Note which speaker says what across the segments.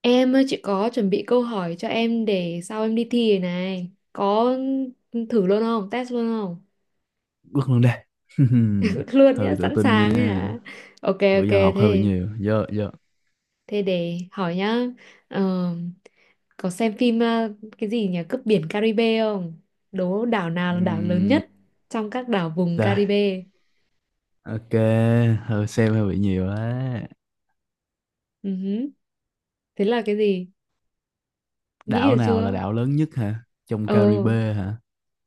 Speaker 1: Em ơi, chị có chuẩn bị câu hỏi cho em để sau em đi thi rồi này. Có thử luôn không? Test luôn không?
Speaker 2: Quất luôn đây.
Speaker 1: luôn nhá,
Speaker 2: Hơi tự
Speaker 1: sẵn
Speaker 2: tin
Speaker 1: sàng ấy hả?
Speaker 2: nha.
Speaker 1: Ok
Speaker 2: Bữa
Speaker 1: ok
Speaker 2: giờ học hơi bị
Speaker 1: thế
Speaker 2: nhiều. Giờ giờ.
Speaker 1: thế để hỏi nhá. Ờ, có xem phim cái gì nhỉ? Cướp biển Caribe không? Đố đảo nào là đảo lớn
Speaker 2: Ừm,
Speaker 1: nhất trong các đảo vùng
Speaker 2: Rồi.
Speaker 1: Caribe?
Speaker 2: Ok. Hơi xem hơi bị nhiều á.
Speaker 1: Ừ hứ. Thế là cái gì? Nghĩ
Speaker 2: Đảo
Speaker 1: được
Speaker 2: nào là
Speaker 1: chưa?
Speaker 2: đảo lớn nhất hả? Trong
Speaker 1: Ờ,
Speaker 2: Caribe hả?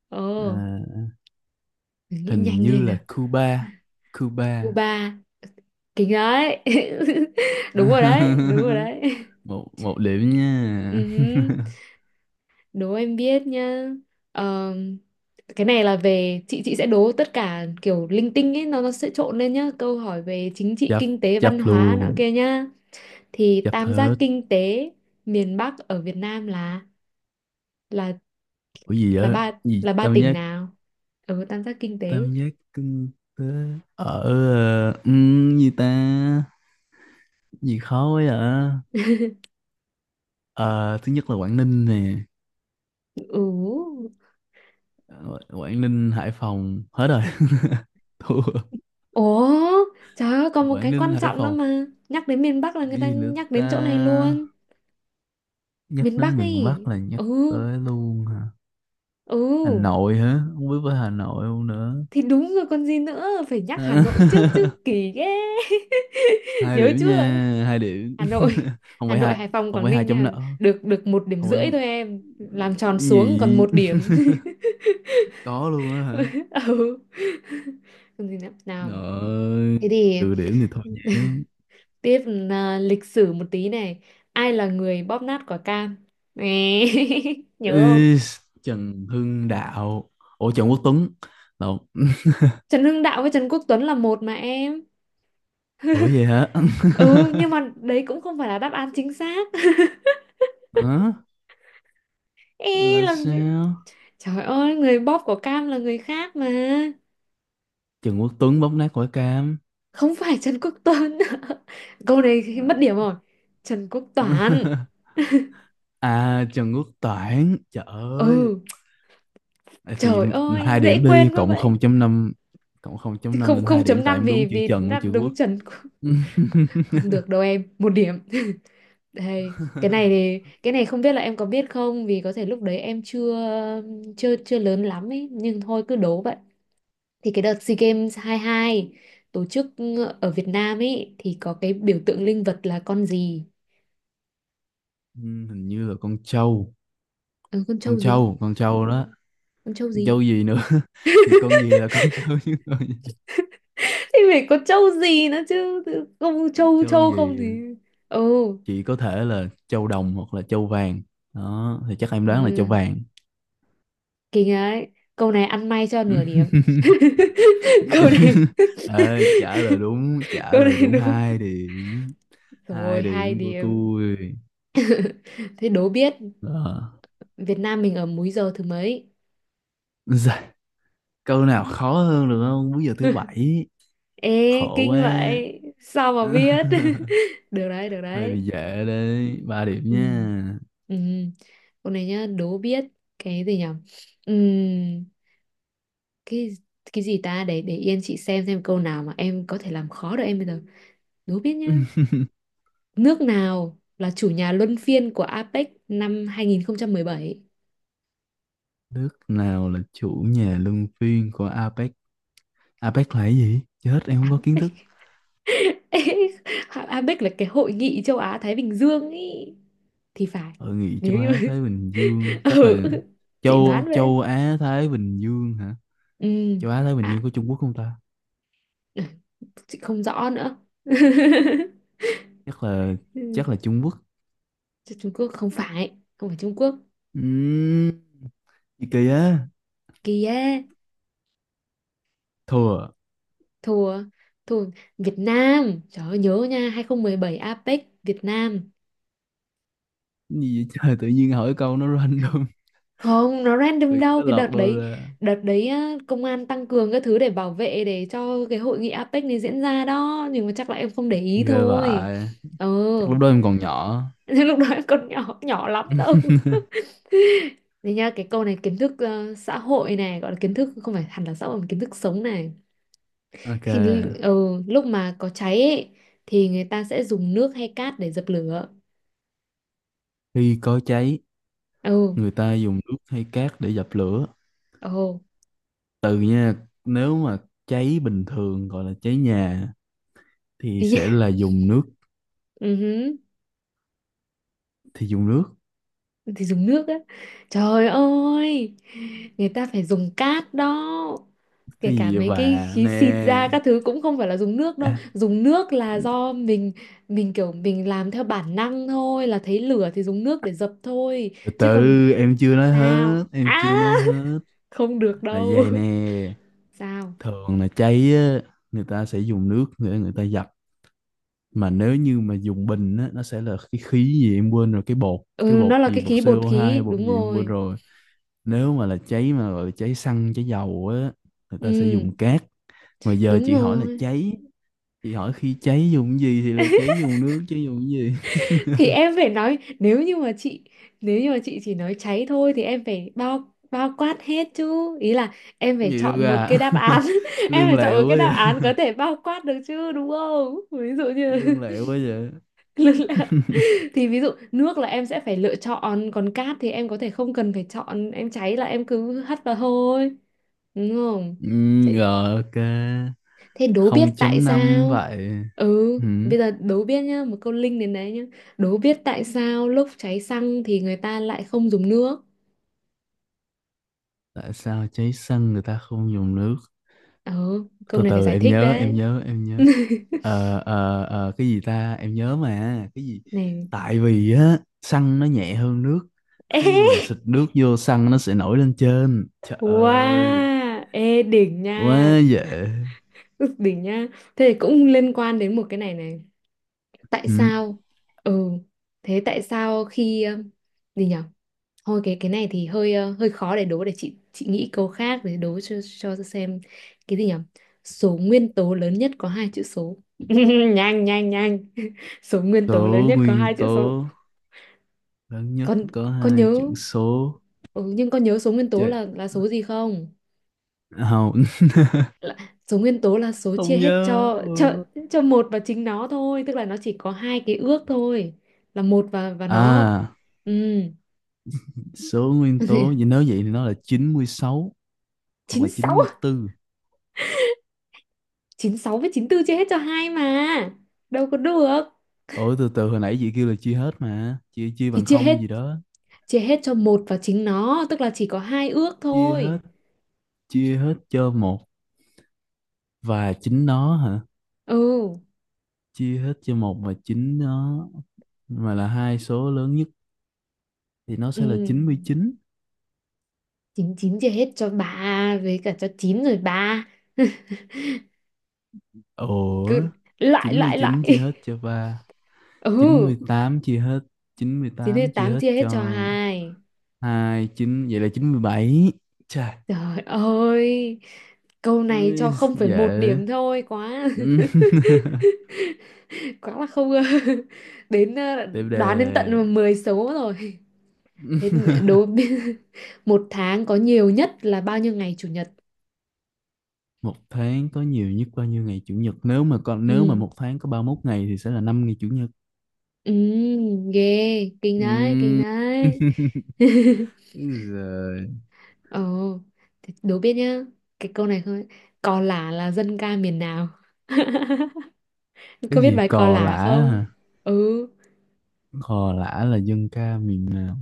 Speaker 1: ờ,
Speaker 2: À,
Speaker 1: nghĩ
Speaker 2: Hình
Speaker 1: nhanh
Speaker 2: như
Speaker 1: lên nào.
Speaker 2: là Cuba. Cuba.
Speaker 1: Cuba, kính đấy. đúng rồi đấy, đúng rồi đấy.
Speaker 2: một một điểm
Speaker 1: Ừ,
Speaker 2: nha.
Speaker 1: đố em biết nhá. Ờ, cái này là về chị sẽ đố tất cả kiểu linh tinh ấy, nó sẽ trộn lên nhá. Câu hỏi về chính trị,
Speaker 2: chấp
Speaker 1: kinh tế,
Speaker 2: Chấp
Speaker 1: văn hóa nọ
Speaker 2: luôn.
Speaker 1: kia nhá. Thì
Speaker 2: Chấp
Speaker 1: tam giác
Speaker 2: hết.
Speaker 1: kinh tế miền Bắc ở Việt Nam là
Speaker 2: Ủa gì
Speaker 1: là
Speaker 2: vậy?
Speaker 1: ba
Speaker 2: Gì
Speaker 1: là ba
Speaker 2: tam
Speaker 1: tỉnh
Speaker 2: giác,
Speaker 1: nào? Ừ, tam giác kinh tế.
Speaker 2: tam giác kinh tế ở ờ, gì ta Gì khó quá à. Ờ, thứ nhất là Quảng Ninh nè.
Speaker 1: Ừ.
Speaker 2: Ờ, Quảng Ninh, Hải Phòng. Hết rồi. Thua.
Speaker 1: Ủa, trời ơi, còn một
Speaker 2: Quảng
Speaker 1: cái
Speaker 2: Ninh,
Speaker 1: quan
Speaker 2: Hải
Speaker 1: trọng nữa
Speaker 2: Phòng.
Speaker 1: mà. Nhắc đến miền Bắc là người
Speaker 2: Cái
Speaker 1: ta
Speaker 2: gì nữa
Speaker 1: nhắc đến chỗ này
Speaker 2: ta?
Speaker 1: luôn.
Speaker 2: Nhắc
Speaker 1: Miền Bắc
Speaker 2: đến miền Bắc
Speaker 1: ấy.
Speaker 2: là nhắc
Speaker 1: Ừ,
Speaker 2: tới luôn hả? Hà
Speaker 1: ừ.
Speaker 2: Nội hả? Không biết với Hà Nội không nữa.
Speaker 1: Thì đúng rồi còn gì nữa, phải nhắc Hà Nội trước chứ
Speaker 2: À,
Speaker 1: kỳ ghê.
Speaker 2: 2
Speaker 1: Nhớ
Speaker 2: điểm
Speaker 1: chưa?
Speaker 2: nha, 2 điểm.
Speaker 1: Hà Nội,
Speaker 2: Không
Speaker 1: Hà
Speaker 2: phải
Speaker 1: Nội,
Speaker 2: 2,
Speaker 1: Hải Phòng,
Speaker 2: không
Speaker 1: Quảng
Speaker 2: phải hai
Speaker 1: Ninh
Speaker 2: chấm
Speaker 1: nha.
Speaker 2: nợ.
Speaker 1: Được được một điểm
Speaker 2: Không phải
Speaker 1: rưỡi thôi em. Làm tròn
Speaker 2: cái
Speaker 1: xuống còn
Speaker 2: gì.
Speaker 1: một điểm.
Speaker 2: Có luôn á hả?
Speaker 1: Ừ. Còn gì nữa? Nào.
Speaker 2: Rồi,
Speaker 1: Thế thì
Speaker 2: trừ điểm thì thôi nhé.
Speaker 1: tiếp là lịch sử một tí này. Ai là người bóp nát quả cam? Nè. Nhớ không?
Speaker 2: Ý, Trần Hưng Đạo. Ủa, Trần Quốc Tuấn. Lộn.
Speaker 1: Trần Hưng Đạo với Trần Quốc Tuấn là một mà em.
Speaker 2: Ủa vậy hả?
Speaker 1: Ừ, nhưng mà đấy cũng không phải là đáp án chính xác.
Speaker 2: Hả?
Speaker 1: Ê,
Speaker 2: Là
Speaker 1: làm gì?
Speaker 2: sao?
Speaker 1: Trời ơi, người bóp của Cam là người khác mà.
Speaker 2: Trần Quốc Tuấn bóp nát quả cam.
Speaker 1: Không phải Trần Quốc Tuấn. Câu này mất điểm rồi. Trần Quốc Toản.
Speaker 2: À, Trần Quốc Toản. Trời ơi.
Speaker 1: Ừ,
Speaker 2: Vậy thì
Speaker 1: trời ơi,
Speaker 2: hai
Speaker 1: dễ
Speaker 2: điểm đi.
Speaker 1: quên quá
Speaker 2: Cộng
Speaker 1: vậy.
Speaker 2: 0.5, cộng không chấm năm
Speaker 1: Không,
Speaker 2: lên
Speaker 1: không
Speaker 2: hai
Speaker 1: chấm
Speaker 2: điểm Tại
Speaker 1: năm
Speaker 2: em
Speaker 1: vì
Speaker 2: đúng chữ
Speaker 1: vì
Speaker 2: Trần với
Speaker 1: đáp
Speaker 2: chữ Quốc.
Speaker 1: đúng Trần Quốc- Không được đâu em, 1 điểm. Đây, cái này thì cái này không biết là em có biết không, vì có thể lúc đấy em chưa chưa chưa lớn lắm ấy, nhưng thôi cứ đố vậy. Thì cái đợt SEA Games 22 tổ chức ở Việt Nam ấy thì có cái biểu tượng linh vật là con gì?
Speaker 2: Ừ, hình như là con trâu.
Speaker 1: Ừ, con
Speaker 2: Con
Speaker 1: trâu gì
Speaker 2: trâu, con trâu đó.
Speaker 1: con trâu
Speaker 2: Con
Speaker 1: gì
Speaker 2: trâu gì nữa? Thì con gì là con trâu chứ.
Speaker 1: Thì phải có trâu gì nữa chứ, tự- không
Speaker 2: Con
Speaker 1: trâu
Speaker 2: trâu
Speaker 1: trâu không
Speaker 2: gì?
Speaker 1: thì. Ừ,
Speaker 2: Chị có thể là châu đồng hoặc là châu vàng, đó thì chắc em đoán là châu
Speaker 1: ừ.
Speaker 2: vàng.
Speaker 1: Kinh ấy, câu này ăn may cho nửa điểm. Câu này
Speaker 2: Ê, trả lời đúng, trả
Speaker 1: câu
Speaker 2: lời
Speaker 1: này
Speaker 2: đúng
Speaker 1: đúng
Speaker 2: 2 điểm. Hai
Speaker 1: rồi, hai
Speaker 2: điểm của
Speaker 1: điểm
Speaker 2: tôi.
Speaker 1: Thế đố biết
Speaker 2: Ờ.
Speaker 1: Việt Nam mình ở múi giờ thứ mấy.
Speaker 2: Dạ, câu nào khó hơn được không? Bây giờ thứ 7.
Speaker 1: Ê,
Speaker 2: Khổ quá.
Speaker 1: kinh vậy sao mà biết. Được đấy, được
Speaker 2: Hơi
Speaker 1: đấy.
Speaker 2: bị dễ đấy, 3 điểm
Speaker 1: Ừ,
Speaker 2: nha.
Speaker 1: ừ, câu này nhá, đố biết. Cái gì nhỉ? Ừ, cái cái gì ta, để yên chị xem câu nào mà em có thể làm khó được em bây giờ. Đố biết nhá. Nước nào là chủ nhà luân phiên của APEC năm 2017?
Speaker 2: Nước nào là chủ nhà luân phiên của APEC? APEC là cái gì? Chết, em không có kiến thức.
Speaker 1: APEC là cái hội nghị châu Á Thái Bình Dương ý, thì phải.
Speaker 2: Hội nghị châu
Speaker 1: Nếu như
Speaker 2: Á
Speaker 1: mà-
Speaker 2: Thái Bình Dương chắc
Speaker 1: ừ,
Speaker 2: là
Speaker 1: chị đoán
Speaker 2: châu
Speaker 1: vậy.
Speaker 2: châu Á Thái Bình Dương hả?
Speaker 1: Ừ,
Speaker 2: Châu Á Thái Bình Dương
Speaker 1: à,
Speaker 2: có Trung Quốc không ta?
Speaker 1: ừ, chị không rõ nữa.
Speaker 2: Chắc là,
Speaker 1: Ừ,
Speaker 2: chắc là Trung Quốc.
Speaker 1: chứ Trung Quốc không phải Trung Quốc
Speaker 2: Ừm, Gì kỳ á.
Speaker 1: kìa.
Speaker 2: Thua à?
Speaker 1: Thua, thua. Việt Nam, trời ơi, nhớ nha, 2017 APEC Việt Nam.
Speaker 2: Cái gì vậy? Trời, tự nhiên hỏi câu nó random.
Speaker 1: Không, nó
Speaker 2: Tự
Speaker 1: random
Speaker 2: nhiên
Speaker 1: đâu,
Speaker 2: nó
Speaker 1: cái
Speaker 2: lọt
Speaker 1: đợt
Speaker 2: đâu
Speaker 1: đấy
Speaker 2: ra.
Speaker 1: đợt đấy á, công an tăng cường các thứ để bảo vệ để cho cái hội nghị APEC này diễn ra đó, nhưng mà chắc là em không để ý
Speaker 2: Ghê
Speaker 1: thôi.
Speaker 2: vậy.
Speaker 1: Ờ.
Speaker 2: Chắc lúc đó em còn nhỏ.
Speaker 1: Nhưng lúc đó em còn nhỏ nhỏ lắm đâu. Thế nha, cái câu này kiến thức xã hội này, gọi là kiến thức không phải hẳn là xã hội mà kiến thức sống này.
Speaker 2: Ok,
Speaker 1: Khi l- ờ, lúc mà có cháy ấy, thì người ta sẽ dùng nước hay cát để dập lửa.
Speaker 2: khi có cháy
Speaker 1: Ừ,
Speaker 2: người ta dùng nước hay cát để dập lửa?
Speaker 1: ồ,
Speaker 2: Từ nha, nếu mà cháy bình thường gọi là cháy nhà thì
Speaker 1: thế
Speaker 2: sẽ
Speaker 1: nhá.
Speaker 2: là dùng nước.
Speaker 1: Ừ hứ,
Speaker 2: Thì dùng nước.
Speaker 1: thì dùng nước á, trời ơi, người ta phải dùng cát đó, kể
Speaker 2: Cái
Speaker 1: cả
Speaker 2: gì vậy
Speaker 1: mấy cái
Speaker 2: bà
Speaker 1: khí xịt ra
Speaker 2: nè.
Speaker 1: các thứ cũng không phải là dùng nước đâu,
Speaker 2: À,
Speaker 1: dùng nước là do mình kiểu mình làm theo bản năng thôi là thấy lửa thì dùng nước để dập thôi,
Speaker 2: từ
Speaker 1: chứ còn,
Speaker 2: từ,
Speaker 1: sao
Speaker 2: em
Speaker 1: à,
Speaker 2: chưa nói hết.
Speaker 1: không được
Speaker 2: Là
Speaker 1: đâu.
Speaker 2: vậy nè,
Speaker 1: Sao.
Speaker 2: thường là cháy á, người ta sẽ dùng nước để người ta dập. Mà nếu như mà dùng bình á, nó sẽ là cái khí gì em quên rồi, cái bột. Cái
Speaker 1: Ừ,
Speaker 2: bột
Speaker 1: nó là
Speaker 2: gì,
Speaker 1: cái
Speaker 2: bột
Speaker 1: khí bột
Speaker 2: CO2 hay
Speaker 1: khí,
Speaker 2: bột
Speaker 1: đúng
Speaker 2: gì em quên
Speaker 1: rồi.
Speaker 2: rồi. Nếu mà là cháy mà gọi là cháy xăng, cháy dầu á, người ta sẽ
Speaker 1: Ừ,
Speaker 2: dùng cát. Mà giờ
Speaker 1: đúng
Speaker 2: chị hỏi là
Speaker 1: rồi,
Speaker 2: cháy, chị hỏi khi cháy dùng cái gì thì là cháy dùng nước chứ dùng cái gì.
Speaker 1: thì em phải nói, nếu như mà chị chỉ nói cháy thôi thì em phải bao bao quát hết chứ, ý là em
Speaker 2: Cái
Speaker 1: phải
Speaker 2: gì đâu
Speaker 1: chọn một
Speaker 2: ra.
Speaker 1: cái đáp án. Em
Speaker 2: Lương
Speaker 1: phải chọn một
Speaker 2: lẹo
Speaker 1: cái đáp
Speaker 2: ấy.
Speaker 1: án có thể bao quát được chứ, đúng không, ví dụ như
Speaker 2: Lương lẹo quá vậy.
Speaker 1: nước là- thì ví dụ nước là em sẽ phải lựa chọn, còn cát thì em có thể không cần phải chọn, em cháy là em cứ hất vào thôi, đúng không.
Speaker 2: Ừ, rồi ok.
Speaker 1: Thế đố biết tại
Speaker 2: 0.5
Speaker 1: sao?
Speaker 2: vậy.
Speaker 1: Ừ,
Speaker 2: Ừ.
Speaker 1: bây giờ đố biết nhá, một câu link đến đấy nhá. Đố biết tại sao lúc cháy xăng thì người ta lại không dùng nước?
Speaker 2: Tại sao cháy xăng người ta không dùng nước?
Speaker 1: ờ câu
Speaker 2: Từ
Speaker 1: này phải
Speaker 2: từ
Speaker 1: giải
Speaker 2: em
Speaker 1: thích
Speaker 2: nhớ em
Speaker 1: đấy.
Speaker 2: nhớ em nhớ. Cái gì ta, em nhớ mà, cái gì.
Speaker 1: Này.
Speaker 2: Tại vì á, xăng nó nhẹ hơn nước, khi mà xịt
Speaker 1: Ê,
Speaker 2: nước vô, xăng nó sẽ nổi lên trên. Trời ơi,
Speaker 1: wow, ê đỉnh nha.
Speaker 2: quá dễ.
Speaker 1: Ức, đỉnh nha. Thế thì cũng liên quan đến một cái này này. Tại
Speaker 2: Ừ.
Speaker 1: sao? Ừ, thế tại sao khi gì nhỉ? Thôi, cái này thì hơi khó để đố, để chị nghĩ câu khác để đố cho xem cái gì nhỉ? Số nguyên tố lớn nhất có hai chữ số. Nhanh nhanh nhanh. Số nguyên tố lớn
Speaker 2: Số
Speaker 1: nhất có
Speaker 2: nguyên
Speaker 1: hai chữ số.
Speaker 2: tố lớn nhất
Speaker 1: Con
Speaker 2: có
Speaker 1: con
Speaker 2: hai
Speaker 1: nhớ.
Speaker 2: chữ số.
Speaker 1: Ừ, nhưng con nhớ số nguyên tố
Speaker 2: Trời,
Speaker 1: là số gì không?
Speaker 2: không.
Speaker 1: Là, số nguyên tố là số
Speaker 2: Không
Speaker 1: chia hết
Speaker 2: nhớ.
Speaker 1: cho
Speaker 2: Ừ.
Speaker 1: cho cho một và chính nó thôi, tức là nó chỉ có hai cái ước thôi, là một và nó.
Speaker 2: À,
Speaker 1: Ừ,
Speaker 2: số nguyên tố, vậy nếu vậy thì nó là 96 hoặc là
Speaker 1: chín sáu
Speaker 2: 94.
Speaker 1: chín sáu với 94 chia hết cho hai mà. Đâu có được.
Speaker 2: Ủa, từ từ, hồi nãy chị kêu là chia hết mà, chia chia
Speaker 1: Thì
Speaker 2: bằng
Speaker 1: chia hết
Speaker 2: không gì đó.
Speaker 1: chia hết cho một và chính nó, tức là chỉ có hai ước
Speaker 2: Chia
Speaker 1: thôi.
Speaker 2: hết, chia hết cho một và chính nó hả?
Speaker 1: Ừ,
Speaker 2: Chia hết cho một và chính nó mà là hai số lớn nhất thì nó
Speaker 1: ừ,
Speaker 2: sẽ là 99.
Speaker 1: 99 chia hết cho bà với cả cho chín rồi ba.
Speaker 2: Ủa,
Speaker 1: Cứ lại
Speaker 2: chín mươi
Speaker 1: lại lại.
Speaker 2: chín chia hết cho ba, chín mươi
Speaker 1: Ừ,
Speaker 2: tám chia hết, chín mươi
Speaker 1: chín hết
Speaker 2: tám chia
Speaker 1: tám
Speaker 2: hết
Speaker 1: chia hết
Speaker 2: cho
Speaker 1: cho hai.
Speaker 2: hai. Chín vậy là 97. Chà.
Speaker 1: Trời ơi, câu này cho
Speaker 2: Ôi,
Speaker 1: không phải một
Speaker 2: dễ.
Speaker 1: điểm thôi quá.
Speaker 2: Ừ.
Speaker 1: Quá là không. Đến
Speaker 2: Tiếp đề.
Speaker 1: đoán đến tận 10 số rồi. Thế đối với- một tháng có nhiều nhất là bao nhiêu ngày chủ nhật.
Speaker 2: Một tháng có nhiều nhất bao nhiêu ngày chủ nhật? Nếu mà con, nếu mà
Speaker 1: Ừ,
Speaker 2: một tháng có 31 ngày thì sẽ là 5 ngày chủ nhật.
Speaker 1: ừ, ghê, kinh đấy, kinh
Speaker 2: Ừm.
Speaker 1: đấy.
Speaker 2: Rồi.
Speaker 1: Ồ, thế đố biết nhá, cái câu này không. Cò lả là dân ca miền nào?
Speaker 2: Cái
Speaker 1: Có biết
Speaker 2: gì,
Speaker 1: bài cò
Speaker 2: cò lả
Speaker 1: lả không?
Speaker 2: hả?
Speaker 1: Ừ,
Speaker 2: Cò lả là dân ca miền nào?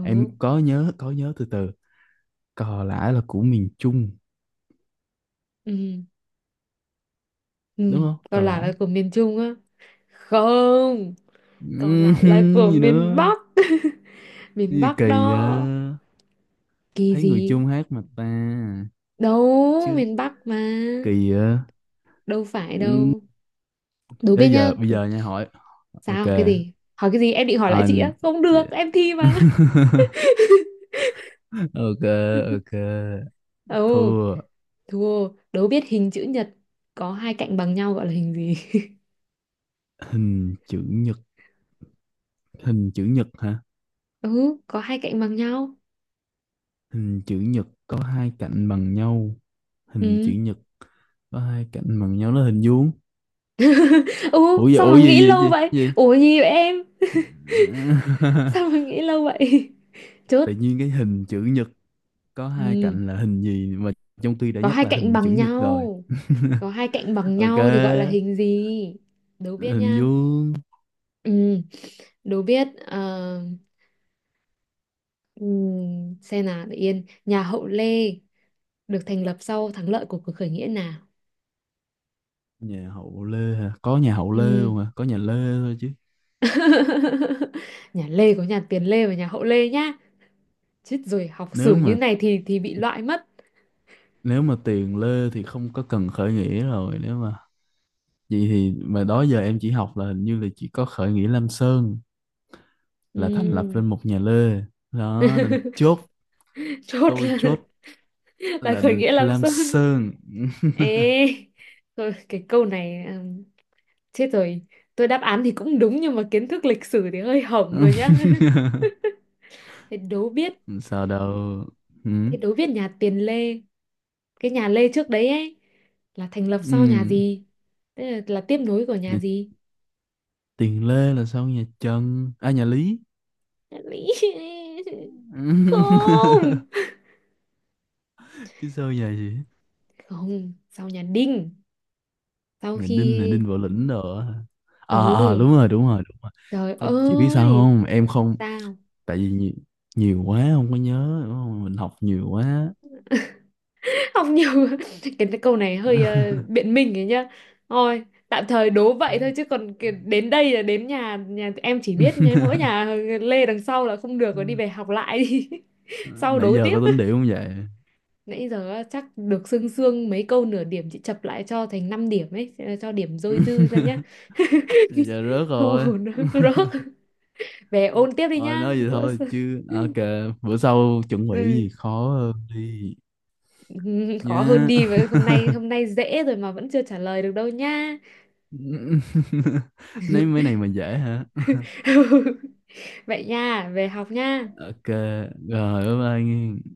Speaker 2: Em có nhớ, có nhớ, từ từ. Cò lả là của miền Trung,
Speaker 1: ừ, ừ,
Speaker 2: đúng không?
Speaker 1: cò
Speaker 2: Cò
Speaker 1: lả là
Speaker 2: lả.
Speaker 1: của miền Trung á? Không, cò
Speaker 2: Ừm.
Speaker 1: lả là của
Speaker 2: Gì
Speaker 1: miền
Speaker 2: nữa?
Speaker 1: Bắc.
Speaker 2: Cái
Speaker 1: Miền
Speaker 2: gì
Speaker 1: Bắc
Speaker 2: kỳ vậy.
Speaker 1: đó. Kỳ
Speaker 2: Thấy người
Speaker 1: gì,
Speaker 2: Trung hát mà ta.
Speaker 1: đâu
Speaker 2: Chứ,
Speaker 1: miền Bắc mà,
Speaker 2: kỳ vậy.
Speaker 1: đâu phải đâu. Đố
Speaker 2: Thế
Speaker 1: biết nhá.
Speaker 2: giờ, bây giờ nha, hỏi. Ok.
Speaker 1: Sao, cái gì hỏi cái gì? Em định hỏi lại chị
Speaker 2: anh
Speaker 1: á, không được
Speaker 2: chị-
Speaker 1: em thi mà.
Speaker 2: ok, ok.
Speaker 1: Ừ,
Speaker 2: Thua.
Speaker 1: thua. Đố biết hình chữ nhật có hai cạnh bằng nhau gọi là hình gì?
Speaker 2: Hình chữ nhật. Hình chữ nhật hả?
Speaker 1: Ừ, có hai cạnh bằng nhau.
Speaker 2: Hình chữ nhật có hai cạnh bằng nhau. Hình chữ
Speaker 1: Ừ,
Speaker 2: nhật có hai cạnh bằng nhau nó hình vuông.
Speaker 1: ừ,
Speaker 2: Ủa gì,
Speaker 1: sao
Speaker 2: ủa
Speaker 1: mà nghĩ
Speaker 2: gì gì
Speaker 1: lâu
Speaker 2: gì
Speaker 1: vậy,
Speaker 2: gì.
Speaker 1: ủa gì vậy em, sao mà nghĩ lâu vậy? Chốt.
Speaker 2: Tự nhiên cái hình chữ nhật có hai
Speaker 1: Ừ,
Speaker 2: cạnh là hình gì mà, trong khi đã
Speaker 1: có
Speaker 2: nhắc
Speaker 1: hai
Speaker 2: là
Speaker 1: cạnh
Speaker 2: hình chữ
Speaker 1: bằng
Speaker 2: nhật rồi.
Speaker 1: nhau có hai cạnh bằng
Speaker 2: Ok,
Speaker 1: nhau thì gọi là hình gì? Đố biết
Speaker 2: hình
Speaker 1: nha.
Speaker 2: vuông.
Speaker 1: Ừ, đố biết ừ, xem nào, để yên. Nhà Hậu Lê được thành lập sau thắng lợi của cuộc khởi nghĩa nào?
Speaker 2: Nhà hậu Lê hả? Có nhà hậu Lê
Speaker 1: Ừm.
Speaker 2: luôn hả? Có nhà Lê thôi chứ.
Speaker 1: Nhà Lê có nhà Tiền Lê và nhà Hậu Lê nhá. Chết rồi, học sử
Speaker 2: nếu
Speaker 1: như
Speaker 2: mà
Speaker 1: này thì bị loại mất.
Speaker 2: Nếu mà tiền Lê thì không có cần khởi nghĩa rồi. Nếu mà vậy thì mà đó giờ em chỉ học là hình như là chỉ có khởi nghĩa Lam Sơn là thành lập
Speaker 1: Ừm.
Speaker 2: lên một nhà Lê, đó nên chốt.
Speaker 1: Chốt
Speaker 2: Tôi
Speaker 1: là
Speaker 2: chốt
Speaker 1: là
Speaker 2: là
Speaker 1: khởi nghĩa Lam
Speaker 2: Lam
Speaker 1: Sơn.
Speaker 2: Sơn.
Speaker 1: Ê, thôi cái câu này, Chết rồi, tôi đáp án thì cũng đúng nhưng mà kiến thức lịch sử thì hơi hỏng rồi nhá. Thế đố biết,
Speaker 2: Sao đâu. Ừ.
Speaker 1: nhà Tiền Lê, cái nhà Lê trước đấy ấy, là thành lập sau nhà
Speaker 2: Ừ.
Speaker 1: gì, tức là tiếp nối của nhà
Speaker 2: Nhà
Speaker 1: gì?
Speaker 2: tiền Lê là sao, nhà Trần à, nhà Lý?
Speaker 1: Không,
Speaker 2: Chứ sao, nhà gì?
Speaker 1: không, sau nhà Đinh, sau
Speaker 2: Nhà
Speaker 1: khi,
Speaker 2: Đinh là Đinh Võ Lĩnh đồ á. À, à
Speaker 1: ừ,
Speaker 2: đúng rồi, đúng rồi, đúng rồi.
Speaker 1: trời
Speaker 2: Không, chị biết sao
Speaker 1: ơi.
Speaker 2: không, em không.
Speaker 1: Sao?
Speaker 2: Tại vì nhiều, nhiều quá không có nhớ đúng không? Mình học nhiều quá.
Speaker 1: Học nhiều. Cái câu này hơi biện minh ấy nhá. Thôi, tạm thời đố vậy thôi chứ, còn cái- đến đây là đến nhà, nhà em chỉ biết nhà mỗi nhà Lê đằng sau là không được rồi, đi về học lại đi. Sau
Speaker 2: Nãy
Speaker 1: đố
Speaker 2: giờ
Speaker 1: tiếp.
Speaker 2: có tính điểm không vậy?
Speaker 1: Nãy giờ á, chắc được sương sương mấy câu nửa điểm, chị chập lại cho thành 5 điểm ấy, cho điểm dôi dư ra nhá.
Speaker 2: Nãy giờ rớt
Speaker 1: Không
Speaker 2: rồi.
Speaker 1: ổn nữa. Rớt. Về ôn tiếp đi
Speaker 2: Thôi
Speaker 1: nhá.
Speaker 2: nói gì
Speaker 1: Bữa
Speaker 2: thôi
Speaker 1: sau-
Speaker 2: chứ, ok. Bữa sau chuẩn bị
Speaker 1: ừ.
Speaker 2: gì khó hơn đi
Speaker 1: Ừ, khó hơn
Speaker 2: nhá.
Speaker 1: đi với hôm nay, dễ rồi mà vẫn chưa trả lời được đâu nha.
Speaker 2: Nói mấy này mà dễ hả.
Speaker 1: Vậy nha, về học nha.
Speaker 2: Ok. Rồi bye bye nghe.